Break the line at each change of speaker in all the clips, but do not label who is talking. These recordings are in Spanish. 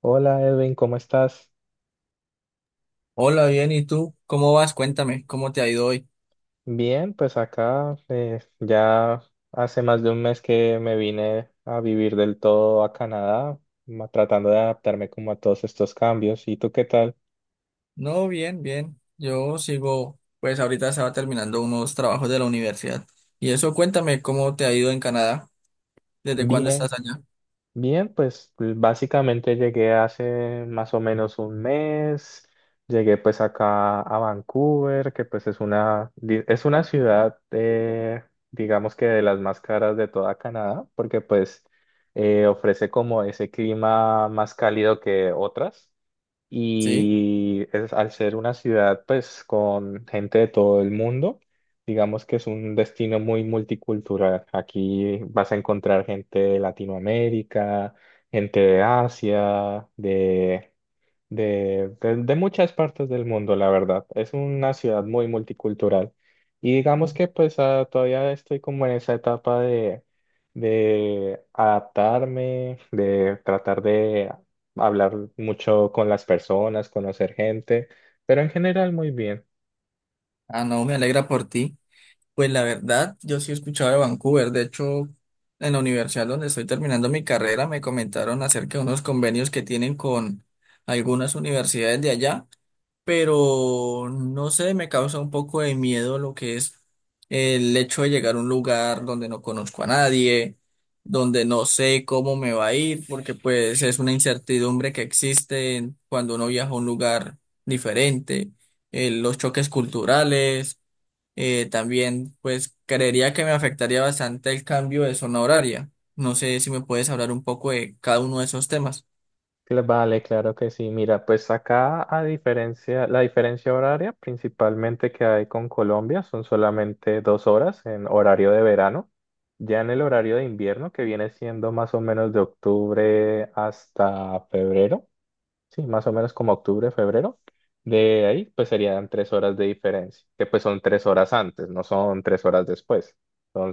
Hola Edwin, ¿cómo estás?
Hola, bien, ¿y tú? ¿Cómo vas? Cuéntame, ¿cómo te ha ido hoy?
Bien, pues acá ya hace más de un mes que me vine a vivir del todo a Canadá, tratando de adaptarme como a todos estos cambios. ¿Y tú qué tal?
No, bien, bien. Yo sigo, pues ahorita estaba terminando unos trabajos de la universidad. Y eso, cuéntame, ¿cómo te ha ido en Canadá? ¿Desde cuándo estás
Bien.
allá?
Bien, pues, básicamente llegué hace más o menos un mes, llegué pues acá a Vancouver, que pues es una, es una ciudad, digamos que de las más caras de toda Canadá, porque pues ofrece como ese clima más cálido que otras
Sí.
y es, al ser una ciudad pues con gente de todo el mundo, digamos que es un destino muy multicultural. Aquí vas a encontrar gente de Latinoamérica, gente de Asia, de, de muchas partes del mundo, la verdad. Es una ciudad muy multicultural. Y digamos que pues todavía estoy como en esa etapa de adaptarme, de tratar de hablar mucho con las personas, conocer gente, pero en general muy bien.
Ah, no, me alegra por ti. Pues la verdad, yo sí he escuchado de Vancouver. De hecho, en la universidad donde estoy terminando mi carrera, me comentaron acerca de unos convenios que tienen con algunas universidades de allá. Pero no sé, me causa un poco de miedo lo que es el hecho de llegar a un lugar donde no conozco a nadie, donde no sé cómo me va a ir, porque pues es una incertidumbre que existe cuando uno viaja a un lugar diferente, los choques culturales, también pues creería que me afectaría bastante el cambio de zona horaria. No sé si me puedes hablar un poco de cada uno de esos temas.
Vale, claro que sí. Mira, pues acá a diferencia, la diferencia horaria principalmente que hay con Colombia son solamente dos horas en horario de verano. Ya en el horario de invierno, que viene siendo más o menos de octubre hasta febrero, sí, más o menos como octubre, febrero. De ahí, pues serían tres horas de diferencia, que pues son tres horas antes, no son tres horas después.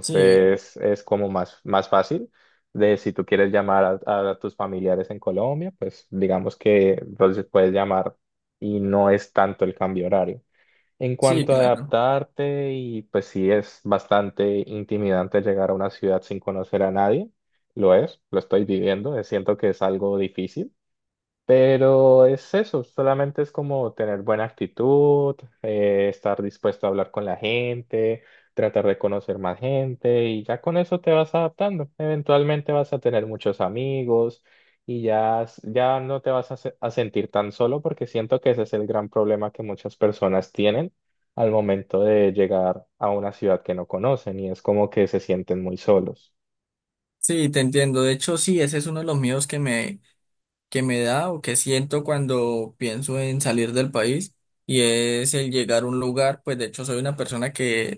Sí,
es como más fácil de si tú quieres llamar a tus familiares en Colombia, pues digamos que entonces puedes llamar y no es tanto el cambio horario. En
sí,
cuanto a
claro.
adaptarte, y pues sí es bastante intimidante llegar a una ciudad sin conocer a nadie, lo es, lo estoy viviendo, siento que es algo difícil, pero es eso, solamente es como tener buena actitud, estar dispuesto a hablar con la gente, tratar de conocer más gente y ya con eso te vas adaptando. Eventualmente vas a tener muchos amigos y ya, ya no te vas a, a sentir tan solo porque siento que ese es el gran problema que muchas personas tienen al momento de llegar a una ciudad que no conocen y es como que se sienten muy solos.
Sí, te entiendo. De hecho, sí, ese es uno de los miedos que que me da o que siento cuando pienso en salir del país y es el llegar a un lugar, pues de hecho soy una persona que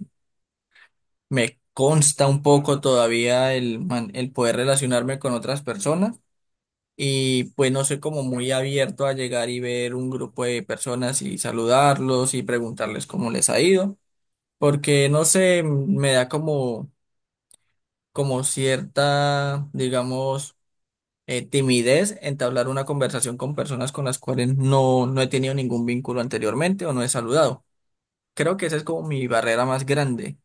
me consta un poco todavía el poder relacionarme con otras personas y pues no soy como muy abierto a llegar y ver un grupo de personas y saludarlos y preguntarles cómo les ha ido, porque no sé, me da como cierta, digamos, timidez, entablar una conversación con personas con las cuales no he tenido ningún vínculo anteriormente o no he saludado. Creo que esa es como mi barrera más grande.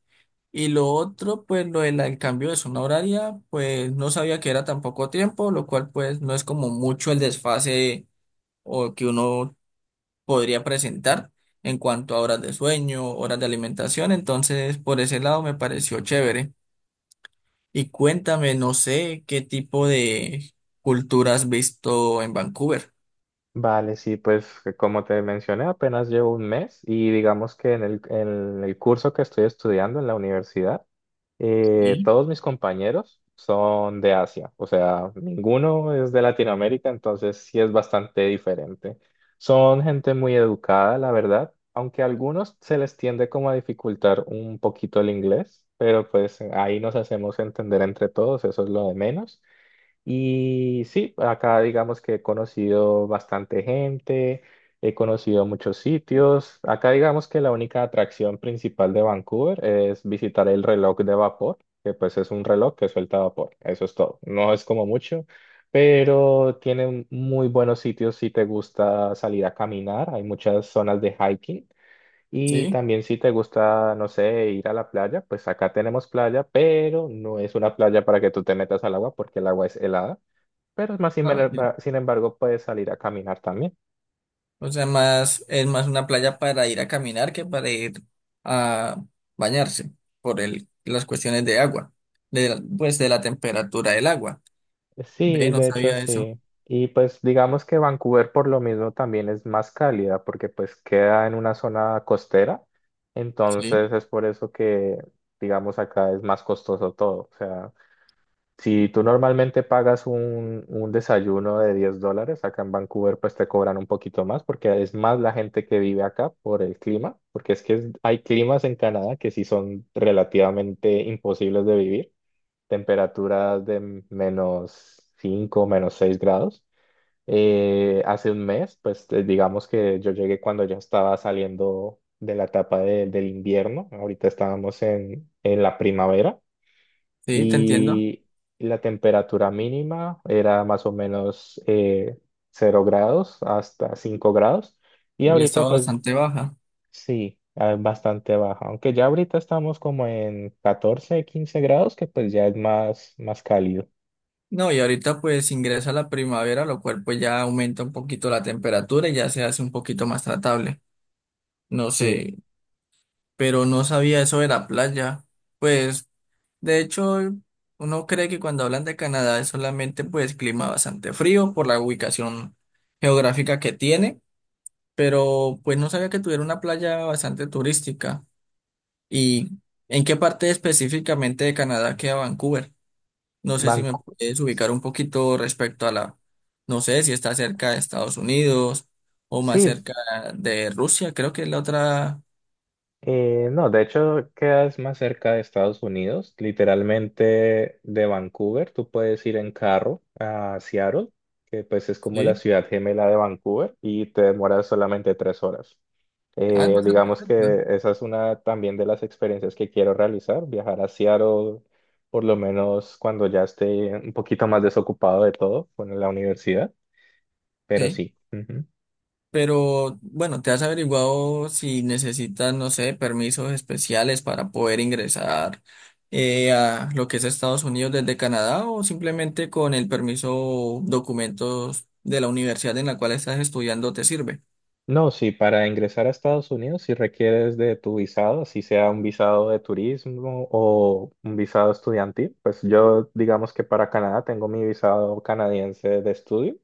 Y lo otro, pues lo del el cambio de zona horaria, pues no sabía que era tan poco tiempo, lo cual pues no es como mucho el desfase o que uno podría presentar en cuanto a horas de sueño, horas de alimentación, entonces por ese lado me pareció chévere. Y cuéntame, no sé qué tipo de cultura has visto en Vancouver.
Vale, sí, pues que como te mencioné, apenas llevo un mes y digamos que en el curso que estoy estudiando en la universidad,
Sí,
todos mis compañeros son de Asia, o sea, ninguno es de Latinoamérica, entonces sí es bastante diferente. Son gente muy educada, la verdad, aunque a algunos se les tiende como a dificultar un poquito el inglés, pero pues ahí nos hacemos entender entre todos, eso es lo de menos. Y sí, acá digamos que he conocido bastante gente, he conocido muchos sitios. Acá digamos que la única atracción principal de Vancouver es visitar el reloj de vapor, que pues es un reloj que suelta vapor. Eso es todo. No es como mucho, pero tiene muy buenos sitios si te gusta salir a caminar. Hay muchas zonas de hiking. Y
sí.
también si te gusta, no sé, ir a la playa, pues acá tenemos playa, pero no es una playa para que tú te metas al agua porque el agua es helada. Pero más
Ah, sí.
sin embargo puedes salir a caminar también.
O sea, es más una playa para ir a caminar que para ir a bañarse por las cuestiones de agua, pues de la temperatura del agua.
Sí,
Ve, no
de hecho
sabía eso.
sí. Y pues digamos que Vancouver por lo mismo también es más cálida porque pues queda en una zona costera.
Sí,
Entonces es por eso que digamos acá es más costoso todo. O sea, si tú normalmente pagas un desayuno de 10 dólares, acá en Vancouver pues te cobran un poquito más porque es más la gente que vive acá por el clima, porque es que hay climas en Canadá que sí son relativamente imposibles de vivir. Temperaturas de menos 5, menos 6 grados. Hace un mes, pues digamos que yo llegué cuando ya estaba saliendo de la etapa del invierno, ahorita estábamos en la primavera
sí, te entiendo.
y la temperatura mínima era más o menos 0 grados hasta 5 grados y
Hoy ha
ahorita
estado
pues
bastante baja.
sí. Ah, bastante baja, aunque ya ahorita estamos como en 14, 15 grados, que pues ya es más cálido.
No, y ahorita pues ingresa la primavera, lo cual pues ya aumenta un poquito la temperatura y ya se hace un poquito más tratable. No
Sí,
sé, pero no sabía eso de la playa. Pues, de hecho, uno cree que cuando hablan de Canadá es solamente pues clima bastante frío por la ubicación geográfica que tiene, pero pues no sabía que tuviera una playa bastante turística. ¿Y en qué parte específicamente de Canadá queda Vancouver? No sé si me
Vancouver.
puedes ubicar un poquito respecto a no sé si está cerca de Estados Unidos o más
Sí,
cerca de Rusia, creo que es la otra.
no, de hecho quedas más cerca de Estados Unidos, literalmente de Vancouver. Tú puedes ir en carro a Seattle, que pues es como la
Sí.
ciudad gemela de Vancouver, y te demoras solamente tres horas.
Ah, es bastante
Digamos
cerca.
que esa es una también de las experiencias que quiero realizar, viajar a Seattle, por lo menos cuando ya esté un poquito más desocupado de todo con la universidad, pero
Sí.
sí.
Pero bueno, ¿te has averiguado si necesitas, no sé, permisos especiales para poder ingresar a lo que es Estados Unidos desde Canadá o simplemente con el permiso documentos de la universidad en la cual estás estudiando te sirve?
No, sí, para ingresar a Estados Unidos, si requieres de tu visado, si sea un visado de turismo o un visado estudiantil, pues yo digamos que para Canadá tengo mi visado canadiense de estudio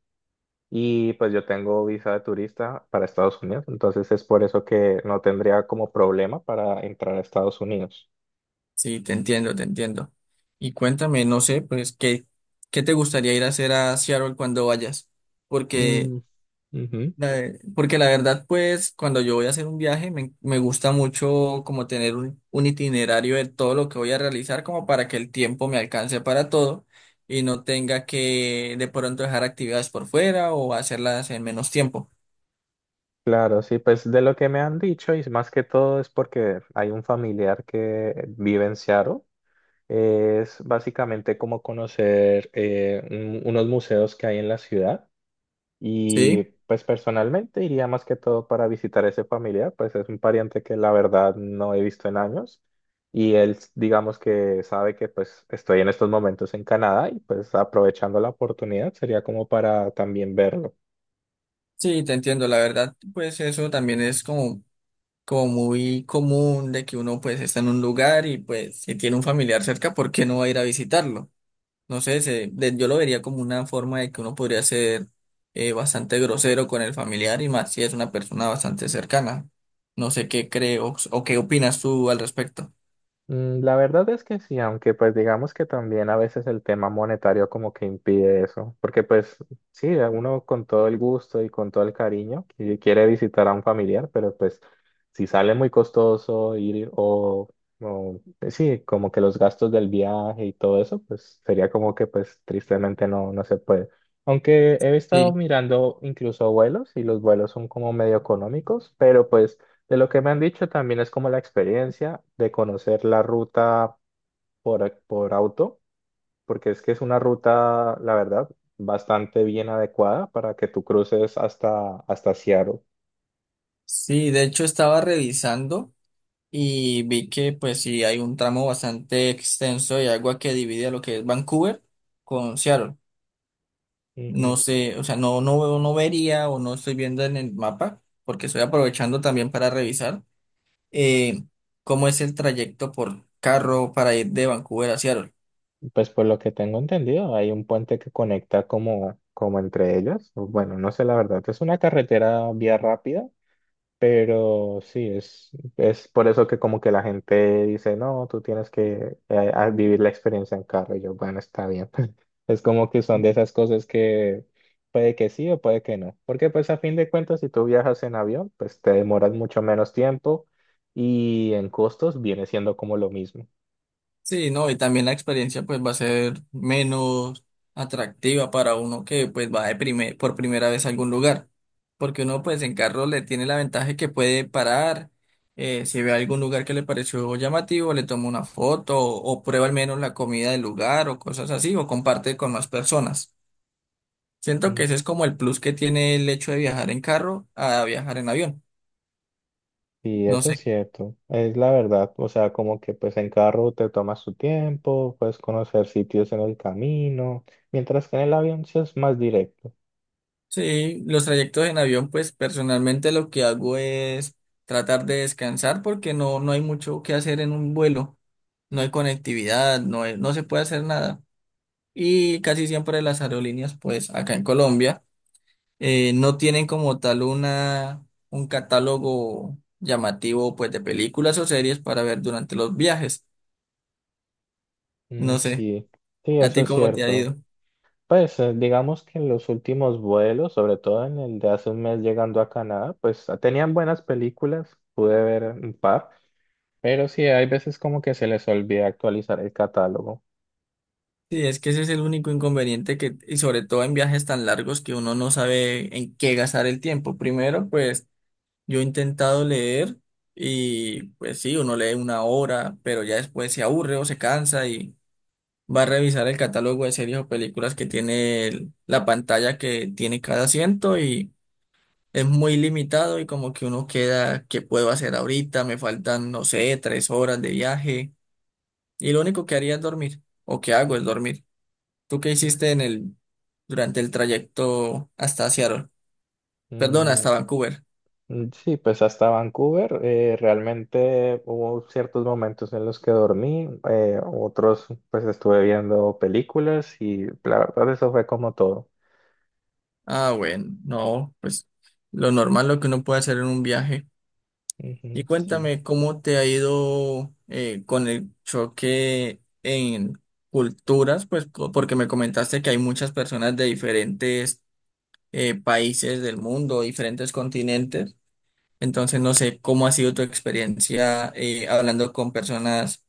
y pues yo tengo visa de turista para Estados Unidos, entonces es por eso que no tendría como problema para entrar a Estados Unidos.
Sí, te entiendo, te entiendo. Y cuéntame, no sé, pues, ¿qué te gustaría ir a hacer a Seattle cuando vayas? Porque
Mm, ujú.
La- Porque la verdad, pues, cuando yo voy a hacer un viaje, me gusta mucho como tener un itinerario de todo lo que voy a realizar, como para que el tiempo me alcance para todo y no tenga que de pronto dejar actividades por fuera o hacerlas en menos tiempo.
Claro, sí, pues de lo que me han dicho y más que todo es porque hay un familiar que vive en Seattle. Es básicamente como conocer unos museos que hay en la ciudad y
Sí,
pues personalmente iría más que todo para visitar a ese familiar, pues es un pariente que la verdad no he visto en años y él digamos que sabe que pues estoy en estos momentos en Canadá y pues aprovechando la oportunidad sería como para también verlo.
sí, te entiendo. La verdad, pues eso también es como muy común de que uno pues está en un lugar y pues si tiene un familiar cerca, ¿por qué no va a ir a visitarlo? No sé, yo lo vería como una forma de que uno podría ser bastante grosero con el familiar y más si es una persona bastante cercana. No sé qué creo o qué opinas tú al respecto.
Mm, la verdad es que sí, aunque pues digamos que también a veces el tema monetario como que impide eso, porque pues sí, uno con todo el gusto y con todo el cariño quiere visitar a un familiar, pero pues si sale muy costoso ir o, sí, como que los gastos del viaje y todo eso, pues sería como que pues tristemente no, no se puede. Aunque he estado
Sí.
mirando incluso vuelos y los vuelos son como medio económicos, pero pues... De lo que me han dicho también es como la experiencia de conocer la ruta por auto, porque es que es una ruta, la verdad, bastante bien adecuada para que tú cruces hasta, hasta Seattle.
Sí, de hecho estaba revisando y vi que pues sí hay un tramo bastante extenso de agua que divide a lo que es Vancouver con Seattle. No
Ujú.
sé, o sea, no vería o no estoy viendo en el mapa porque estoy aprovechando también para revisar. eh, cómo es el trayecto por carro para ir de Vancouver a Seattle.
Pues por lo que tengo entendido, hay un puente que conecta como, como entre ellas. Bueno, no sé la verdad, es una carretera vía rápida, pero sí, es por eso que como que la gente dice, no, tú tienes que vivir la experiencia en carro. Y yo, bueno, está bien. Es como que son de esas cosas que puede que sí o puede que no. Porque pues a fin de cuentas, si tú viajas en avión, pues te demoras mucho menos tiempo y en costos viene siendo como lo mismo.
Sí, no, y también la experiencia pues va a ser menos atractiva para uno que pues va de por primera vez a algún lugar, porque uno pues en carro le tiene la ventaja que puede parar, si ve algún lugar que le pareció llamativo, le toma una foto o prueba al menos la comida del lugar o cosas así, o comparte con más personas. Siento que
Mm.
ese es como el plus que tiene el hecho de viajar en carro a viajar en avión.
Y
No
eso es
sé.
cierto, es la verdad. O sea, como que pues en carro te tomas tu tiempo, puedes conocer sitios en el camino. Mientras que en el avión sí es más directo.
Sí, los trayectos en avión, pues personalmente lo que hago es tratar de descansar porque no hay mucho que hacer en un vuelo, no hay conectividad, no se puede hacer nada. Y casi siempre las aerolíneas, pues acá en Colombia, no tienen como tal un catálogo llamativo, pues de películas o series para ver durante los viajes.
Mm,
No sé,
sí, sí,
¿a
eso
ti
es
cómo te ha
cierto.
ido?
Pues digamos que en los últimos vuelos, sobre todo en el de hace un mes llegando a Canadá, pues tenían buenas películas, pude ver un par, pero sí, hay veces como que se les olvida actualizar el catálogo.
Sí, es que ese es el único inconveniente que, y sobre todo en viajes tan largos que uno no sabe en qué gastar el tiempo. Primero, pues yo he intentado leer y pues sí, uno lee una hora, pero ya después se aburre o se cansa y va a revisar el catálogo de series o películas que tiene la pantalla que tiene cada asiento y es muy limitado y como que uno queda, ¿qué puedo hacer ahorita? Me faltan, no sé, 3 horas de viaje y lo único que haría es dormir o que hago es dormir. ¿Tú qué hiciste en durante el trayecto hasta Seattle? Perdón,
Mm,
hasta Vancouver.
mm, sí, pues hasta Vancouver realmente hubo ciertos momentos en los que dormí, otros pues estuve viendo películas y la verdad eso fue como todo.
Ah, bueno, no, pues lo normal, lo que uno puede hacer en un viaje. Y
Ujú, sí.
cuéntame cómo te ha ido con el choque en culturas, pues porque me comentaste que hay muchas personas de diferentes países del mundo, diferentes continentes. Entonces, no sé cómo ha sido tu experiencia hablando con personas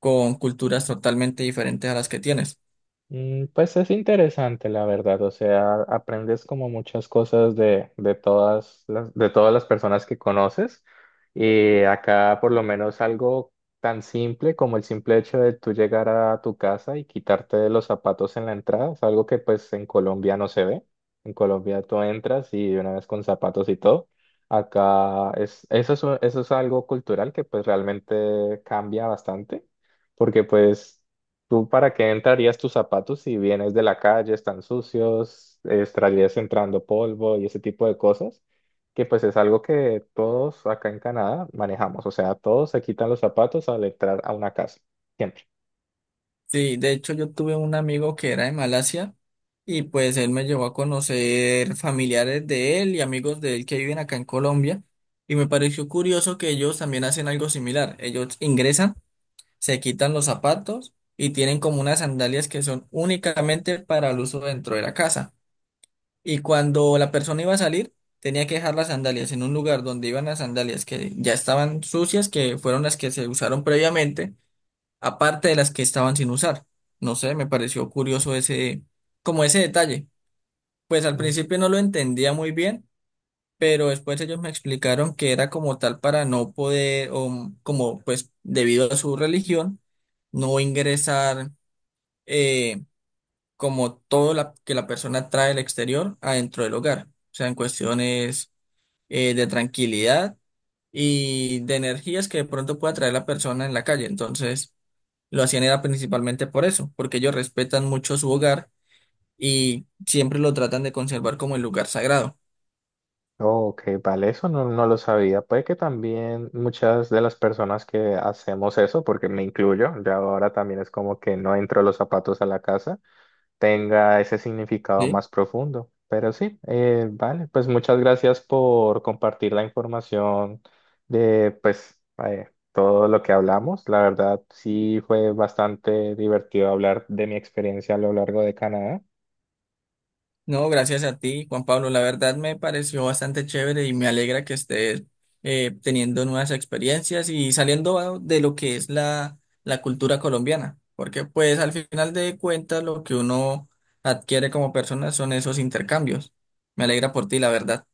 con culturas totalmente diferentes a las que tienes.
Mm, pues es interesante, la verdad. O sea, aprendes como muchas cosas de todas de todas las personas que conoces. Y acá, por lo menos, algo tan simple como el simple hecho de tú llegar a tu casa y quitarte los zapatos en la entrada, es algo que pues en Colombia no se ve. En Colombia tú entras y de una vez con zapatos y todo. Acá es, eso es, eso es algo cultural que pues realmente cambia bastante, porque pues ¿tú para qué entrarías tus zapatos si vienes de la calle, están sucios, estarías entrando polvo y ese tipo de cosas? Que pues es algo que todos acá en Canadá manejamos, o sea, todos se quitan los zapatos al entrar a una casa, siempre.
Sí, de hecho yo tuve un amigo que era de Malasia y pues él me llevó a conocer familiares de él y amigos de él que viven acá en Colombia y me pareció curioso que ellos también hacen algo similar. Ellos ingresan, se quitan los zapatos y tienen como unas sandalias que son únicamente para el uso dentro de la casa. Y cuando la persona iba a salir, tenía que dejar las sandalias en un lugar donde iban las sandalias que ya estaban sucias, que fueron las que se usaron previamente aparte de las que estaban sin usar. No sé, me pareció curioso como ese detalle. Pues al
Mm.
principio no lo entendía muy bien, pero después ellos me explicaron que era como tal para no poder, o como pues debido a su religión, no ingresar eh, como todo que la persona trae del exterior adentro del hogar. O sea, en cuestiones de tranquilidad y de energías que de pronto pueda traer la persona en la calle. Entonces... Lo hacían era principalmente por eso, porque ellos respetan mucho su hogar y siempre lo tratan de conservar como el lugar sagrado,
Ok, vale, eso no, no lo sabía. Puede que también muchas de las personas que hacemos eso, porque me incluyo, ya ahora también es como que no entro los zapatos a la casa, tenga ese significado
¿sí?
más profundo. Pero sí, vale, pues muchas gracias por compartir la información de pues todo lo que hablamos. La verdad, sí fue bastante divertido hablar de mi experiencia a lo largo de Canadá.
No, gracias a ti, Juan Pablo. La verdad me pareció bastante chévere y me alegra que estés teniendo nuevas experiencias y saliendo de lo que es la cultura colombiana, porque pues al final de cuentas lo que uno adquiere como persona son esos intercambios. Me alegra por ti, la verdad.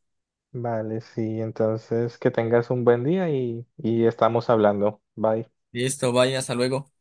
Vale, sí, entonces que tengas un buen día y estamos hablando. Bye.
Listo, vaya, hasta luego.